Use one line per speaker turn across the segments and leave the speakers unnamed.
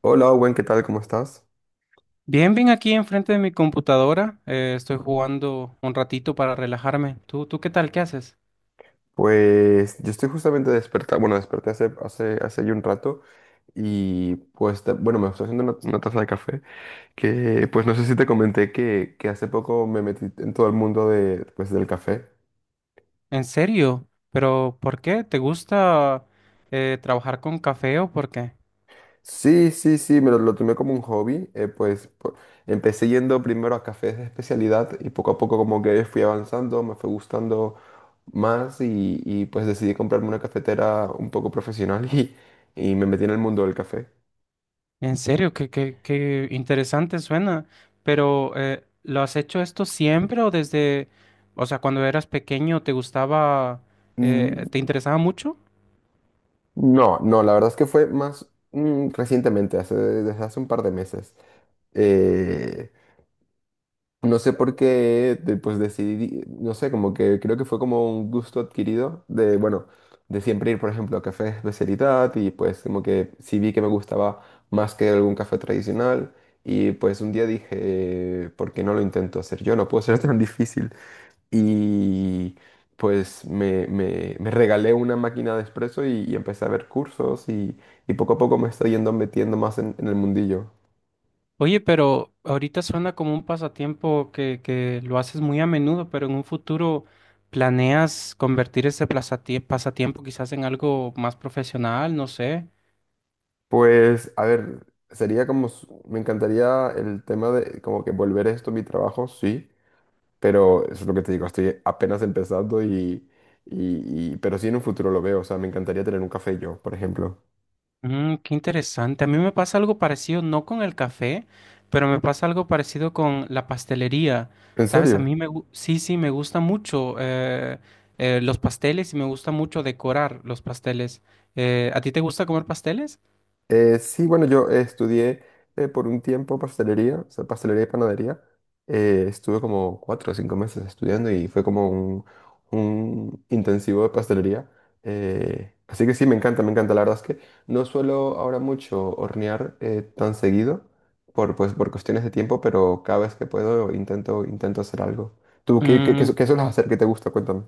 Hola, Owen, ¿qué tal? ¿Cómo estás?
Bien, bien aquí enfrente de mi computadora. Estoy jugando un ratito para relajarme. ¿Tú qué tal? ¿Qué haces?
Pues yo estoy justamente despertado, bueno, desperté hace ya un rato y pues, bueno, me estoy haciendo una taza de café que, pues no sé si te comenté que hace poco me metí en todo el mundo de, pues, del café.
¿En serio? ¿Pero por qué? ¿Te gusta trabajar con café o por qué?
Sí, sí, sí, me lo tomé como un hobby, pues empecé yendo primero a cafés de especialidad y poco a poco como que fui avanzando, me fue gustando más y pues decidí comprarme una cafetera un poco profesional y me metí en el mundo del café.
En serio, qué interesante suena. Pero ¿lo has hecho esto siempre o desde, o sea, cuando eras pequeño te gustaba,
Mm,
te interesaba mucho?
No, no, la verdad es que fue más recientemente, desde hace un par de meses. Eh, no sé por qué, pues decidí, no sé, como que creo que fue como un gusto adquirido de, bueno, de siempre ir, por ejemplo, a cafés de especialidad y pues como que sí vi que me gustaba más que algún café tradicional y pues un día dije, ¿por qué no lo intento hacer yo? No puedo ser tan difícil. Y pues me regalé una máquina de espresso y empecé a ver cursos y poco a poco me estoy yendo metiendo más en el mundillo.
Oye, pero ahorita suena como un pasatiempo que lo haces muy a menudo, pero en un futuro planeas convertir ese pasatiempo quizás en algo más profesional, no sé.
Pues, a ver, sería como, me encantaría el tema de como que volver esto a mi trabajo, sí, pero eso es lo que te digo, estoy apenas empezando pero sí en un futuro lo veo, o sea, me encantaría tener un café yo, por ejemplo.
Mm, qué interesante. A mí me pasa algo parecido, no con el café, pero me pasa algo parecido con la pastelería.
¿En
Sabes, a
serio?
mí sí, sí, me gusta mucho los pasteles y me gusta mucho decorar los pasteles. ¿A ti te gusta comer pasteles?
Sí, bueno, yo estudié por un tiempo pastelería, o sea, pastelería y panadería. Estuve como 4 o 5 meses estudiando y fue como un intensivo de pastelería. Así que sí, me encanta, me encanta. La verdad es que no suelo ahora mucho hornear tan seguido por, pues, por cuestiones de tiempo, pero cada vez que puedo intento hacer algo. ¿Tú
Mm.
qué sueles hacer que te gusta? Cuéntame.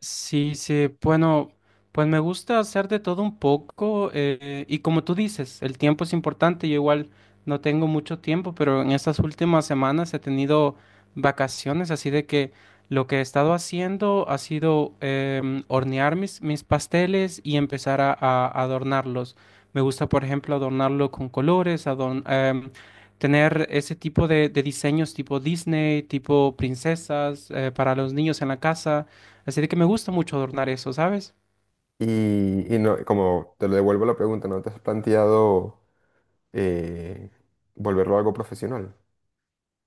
Sí, sí, bueno, pues me gusta hacer de todo un poco y como tú dices, el tiempo es importante, yo igual no tengo mucho tiempo, pero en estas últimas semanas he tenido vacaciones, así de que lo que he estado haciendo ha sido hornear mis pasteles y empezar a adornarlos. Me gusta, por ejemplo, adornarlo con colores, tener ese tipo de diseños tipo Disney, tipo princesas para los niños en la casa. Así de que me gusta mucho adornar eso, ¿sabes?
Y no, como te lo devuelvo la pregunta, ¿no te has planteado eh, volverlo algo profesional?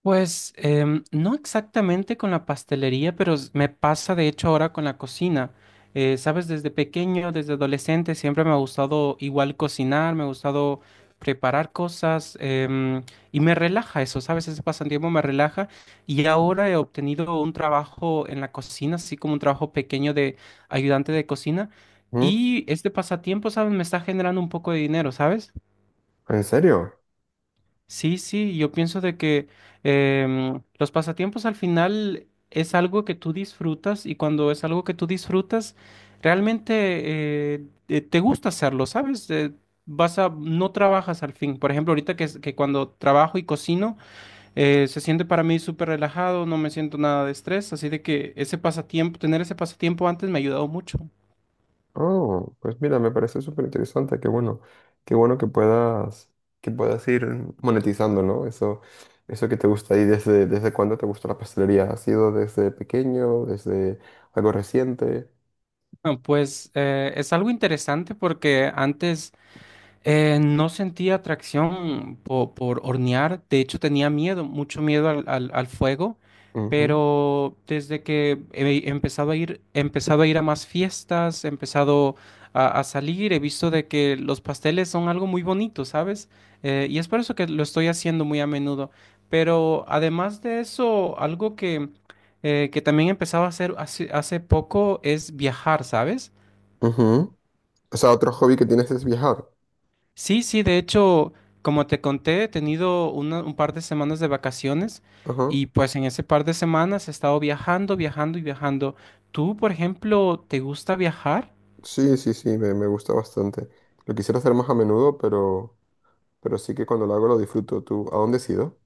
Pues no exactamente con la pastelería, pero me pasa de hecho ahora con la cocina. ¿Sabes? Desde pequeño, desde adolescente, siempre me ha gustado igual cocinar, me ha gustado preparar cosas y me relaja eso, ¿sabes? Ese pasatiempo me relaja y ahora he obtenido un trabajo en la cocina, así como un trabajo pequeño de ayudante de cocina
¿Mm?
y este pasatiempo, ¿sabes? Me está generando un poco de dinero, ¿sabes?
¿En serio?
Sí, sí, yo pienso de que los pasatiempos al final es algo que tú disfrutas y cuando es algo que tú disfrutas, realmente te gusta hacerlo, ¿sabes? Vas a, no trabajas al fin. Por ejemplo, ahorita que cuando trabajo y cocino, se siente para mí súper relajado, no me siento nada de estrés, así de que ese pasatiempo, tener ese pasatiempo antes me ha ayudado mucho.
Oh, pues mira, me parece súper interesante, qué bueno que puedas ir monetizando, ¿no? Eso, que te gusta y desde desde cuándo te gusta la pastelería. ¿Ha sido desde pequeño, desde algo reciente?
Ah, pues es algo interesante porque antes no sentía atracción por hornear, de hecho tenía miedo, mucho miedo al fuego,
Ujú,
pero desde que he empezado a ir, he empezado a ir a más fiestas, he empezado a salir, he visto de que los pasteles son algo muy bonito, ¿sabes? Y es por eso que lo estoy haciendo muy a menudo. Pero además de eso, algo que también he empezado a hacer hace poco es viajar, ¿sabes?
ujú. O sea, otro hobby que tienes es viajar.
Sí, sí, de hecho, como te conté, he tenido un par de semanas de vacaciones
Ajá.
y pues en ese par de semanas he estado viajando, viajando y viajando. ¿Tú, por ejemplo, te gusta viajar?
Sí, sí, sí, me gusta bastante. Lo quisiera hacer más a menudo, pero sí que cuando lo hago lo disfruto. ¿Tú a dónde has ido?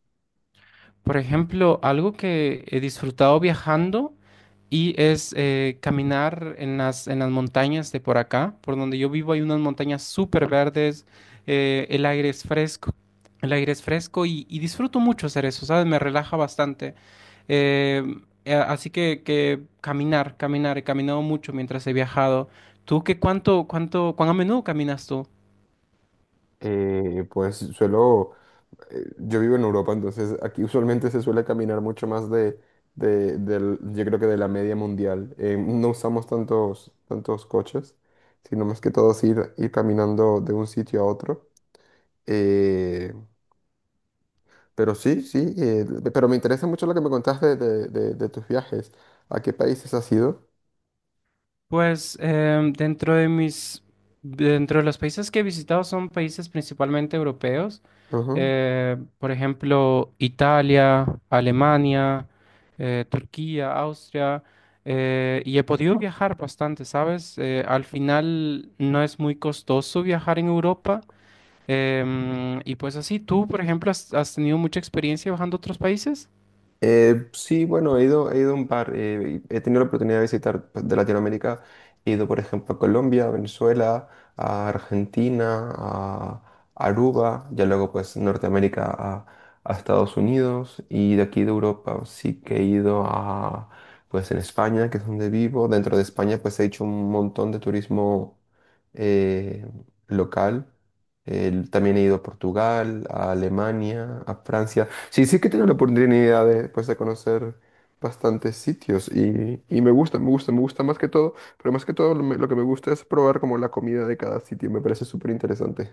Por ejemplo, algo que he disfrutado viajando y es caminar en las montañas de por acá, por donde yo vivo hay unas montañas súper verdes, el aire es fresco, el aire es fresco y disfruto mucho hacer eso, ¿sabes? Me relaja bastante. Eh, Así que caminar, he caminado mucho mientras he viajado. ¿Tú cuán a menudo caminas tú?
eh, pues suelo, yo vivo en Europa, entonces aquí usualmente se suele caminar mucho más de, yo creo que de la media mundial. No usamos tantos coches, sino más que todo es ir caminando de un sitio a otro. Eh, pero sí, sí, pero me interesa mucho lo que me contaste de, de tus viajes. ¿A qué países has ido?
Pues dentro de los países que he visitado son países principalmente europeos,
Ajá.
por ejemplo, Italia, Alemania, Turquía, Austria, y he podido viajar bastante, ¿sabes? Al final no es muy costoso viajar en Europa, y pues así, ¿tú, por ejemplo, has tenido mucha experiencia viajando a otros países?
Sí, bueno, he ido a un par, y he tenido la oportunidad de visitar pues, de Latinoamérica, he ido por ejemplo a Colombia, a Venezuela, a Argentina, a Aruba, ya luego pues Norteamérica a Estados Unidos y de aquí de Europa sí que he ido a pues en España, que es donde vivo, dentro de España pues he hecho un montón de turismo eh, local. También he ido a Portugal, a Alemania, a Francia. Sí, sí que tengo la oportunidad de, pues, de conocer bastantes sitios y me gusta, me gusta, me gusta más que todo, pero más que todo lo que me gusta es probar como la comida de cada sitio, me parece súper interesante.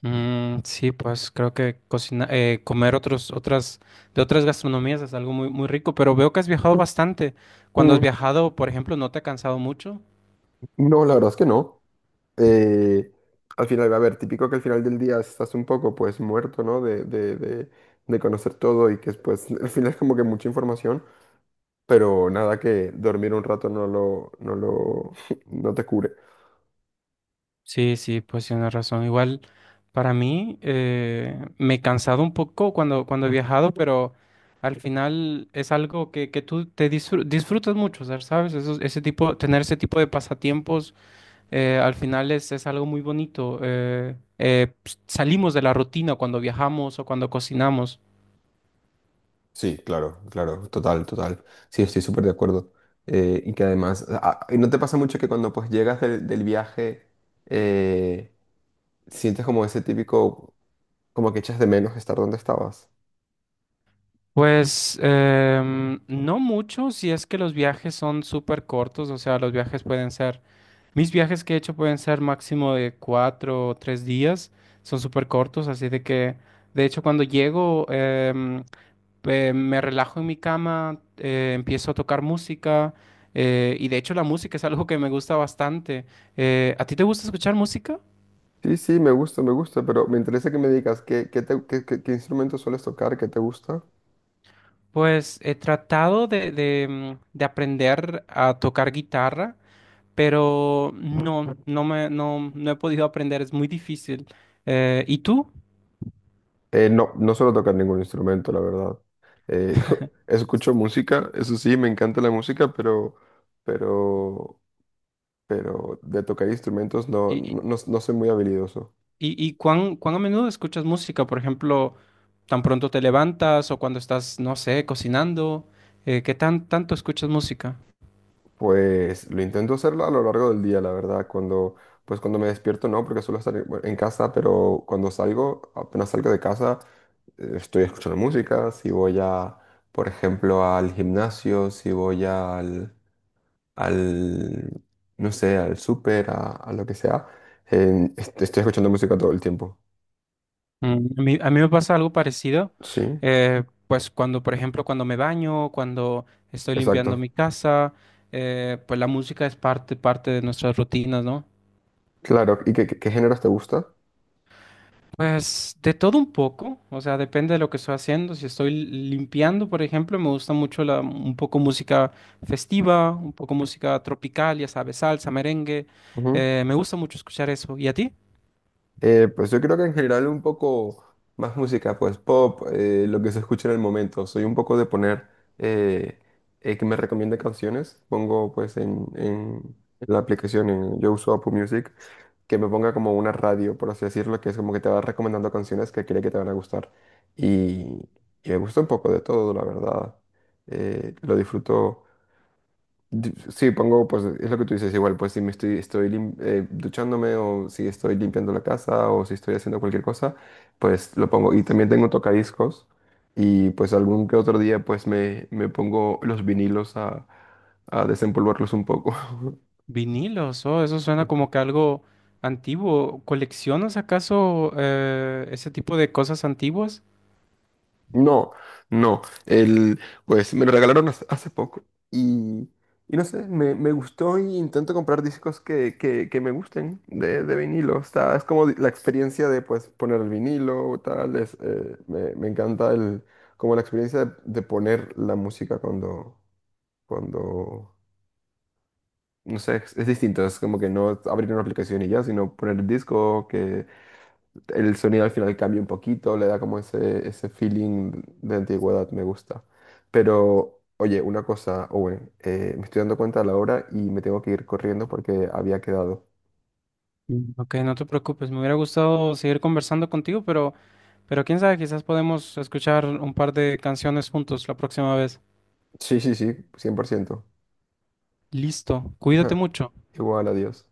Mm, sí, pues creo que cocina, comer de otras gastronomías es algo muy, muy rico, pero veo que has viajado bastante. Cuando has
Mm,
viajado, por ejemplo, ¿no te ha cansado mucho?
No, la verdad es que no. Eh, Al final, a ver, típico que al final del día estás un poco pues muerto, ¿no? De conocer todo y que pues al final es como que mucha información, pero nada que dormir un rato no lo, no te cure.
Sí, sí, pues tienes razón. Igual para mí me he cansado un poco cuando he viajado, pero al final es algo que tú te disfrutas mucho, o sea, ¿sabes? Tener ese tipo de pasatiempos al final es algo muy bonito. Salimos de la rutina cuando viajamos o cuando cocinamos.
Sí, claro, claro, total, total. Sí, estoy súper de acuerdo. Y que además, ¿no te pasa mucho que cuando pues llegas del viaje eh, sientes como ese típico, como que echas de menos estar donde estabas?
Pues no mucho si es que los viajes son súper cortos, o sea, los viajes pueden ser, mis viajes que he hecho pueden ser máximo de cuatro o tres días, son súper cortos, así de que, de hecho, cuando llego, me relajo en mi cama, empiezo a tocar música y de hecho la música es algo que me gusta bastante. ¿A ti te gusta escuchar música?
Sí, sí, me gusta, pero me interesa que me digas qué instrumento sueles tocar, qué te gusta.
Pues he tratado de aprender a tocar guitarra, pero no me, no he podido aprender, es muy difícil. ¿Y tú?
No, no suelo tocar ningún instrumento, la verdad. Eh, escucho música, eso sí, me encanta la música, pero, pero de tocar instrumentos no,
¿Y,
no, no, no soy muy habilidoso.
y cuán a menudo escuchas música? Por ejemplo, tan pronto te levantas o cuando estás, no sé, cocinando, ¿qué tanto escuchas música?
Pues lo intento hacerlo a lo largo del día, la verdad. Pues cuando me despierto no, porque suelo estar en bueno, en casa, pero cuando salgo, apenas salgo de casa, estoy escuchando música. Si voy a, por ejemplo, al gimnasio, si voy al, al, no sé, al súper, a lo que sea, estoy escuchando música todo el tiempo.
Mm, a mí me pasa algo parecido,
Sí,
pues cuando, por ejemplo, cuando me baño, cuando estoy limpiando
exacto.
mi casa, pues la música es parte de nuestras rutinas, ¿no?
Claro. ¿Y qué, qué géneros te gusta?
Pues de todo un poco, o sea, depende de lo que estoy haciendo. Si estoy limpiando, por ejemplo, me gusta mucho un poco música festiva, un poco música tropical, ya sabes, salsa, merengue, me gusta mucho escuchar eso. ¿Y a ti?
Pues yo creo que en general un poco más música, pues pop, lo que se escucha en el momento. Soy un poco de poner eh, que me recomiende canciones. Pongo pues en la aplicación, yo uso Apple Music, que me ponga como una radio, por así decirlo, que es como que te va recomendando canciones que cree que te van a gustar. Y, y me gusta un poco de todo, la verdad. Lo disfruto. Sí, pongo, pues es lo que tú dices, igual, pues si me estoy, estoy lim- duchándome o si estoy limpiando la casa o si estoy haciendo cualquier cosa, pues lo pongo. Y también tengo tocadiscos y pues algún que otro día pues me pongo los vinilos a desempolvarlos un poco.
Vinilos, oh, eso suena como que algo antiguo. ¿Coleccionas acaso ese tipo de cosas antiguas?
No, no. Pues me lo regalaron hace poco y, y no sé, me gustó y intento comprar discos que me gusten de vinilo. O sea, es como la experiencia de pues poner el vinilo o tal. Me encanta como la experiencia de poner la música cuando, cuando, no sé, es distinto. Es como que no abrir una aplicación y ya, sino poner el disco que el sonido al final cambia un poquito, le da como ese, feeling de antigüedad, me gusta. Pero, oye, una cosa, Owen, me estoy dando cuenta de la hora y me tengo que ir corriendo porque había quedado.
Mm. Ok, no te preocupes, me hubiera gustado seguir conversando contigo, pero, quién sabe, quizás podemos escuchar un par de canciones juntos la próxima vez.
Sí, sí, sí, 100%.
Listo, cuídate mucho.
Igual, adiós.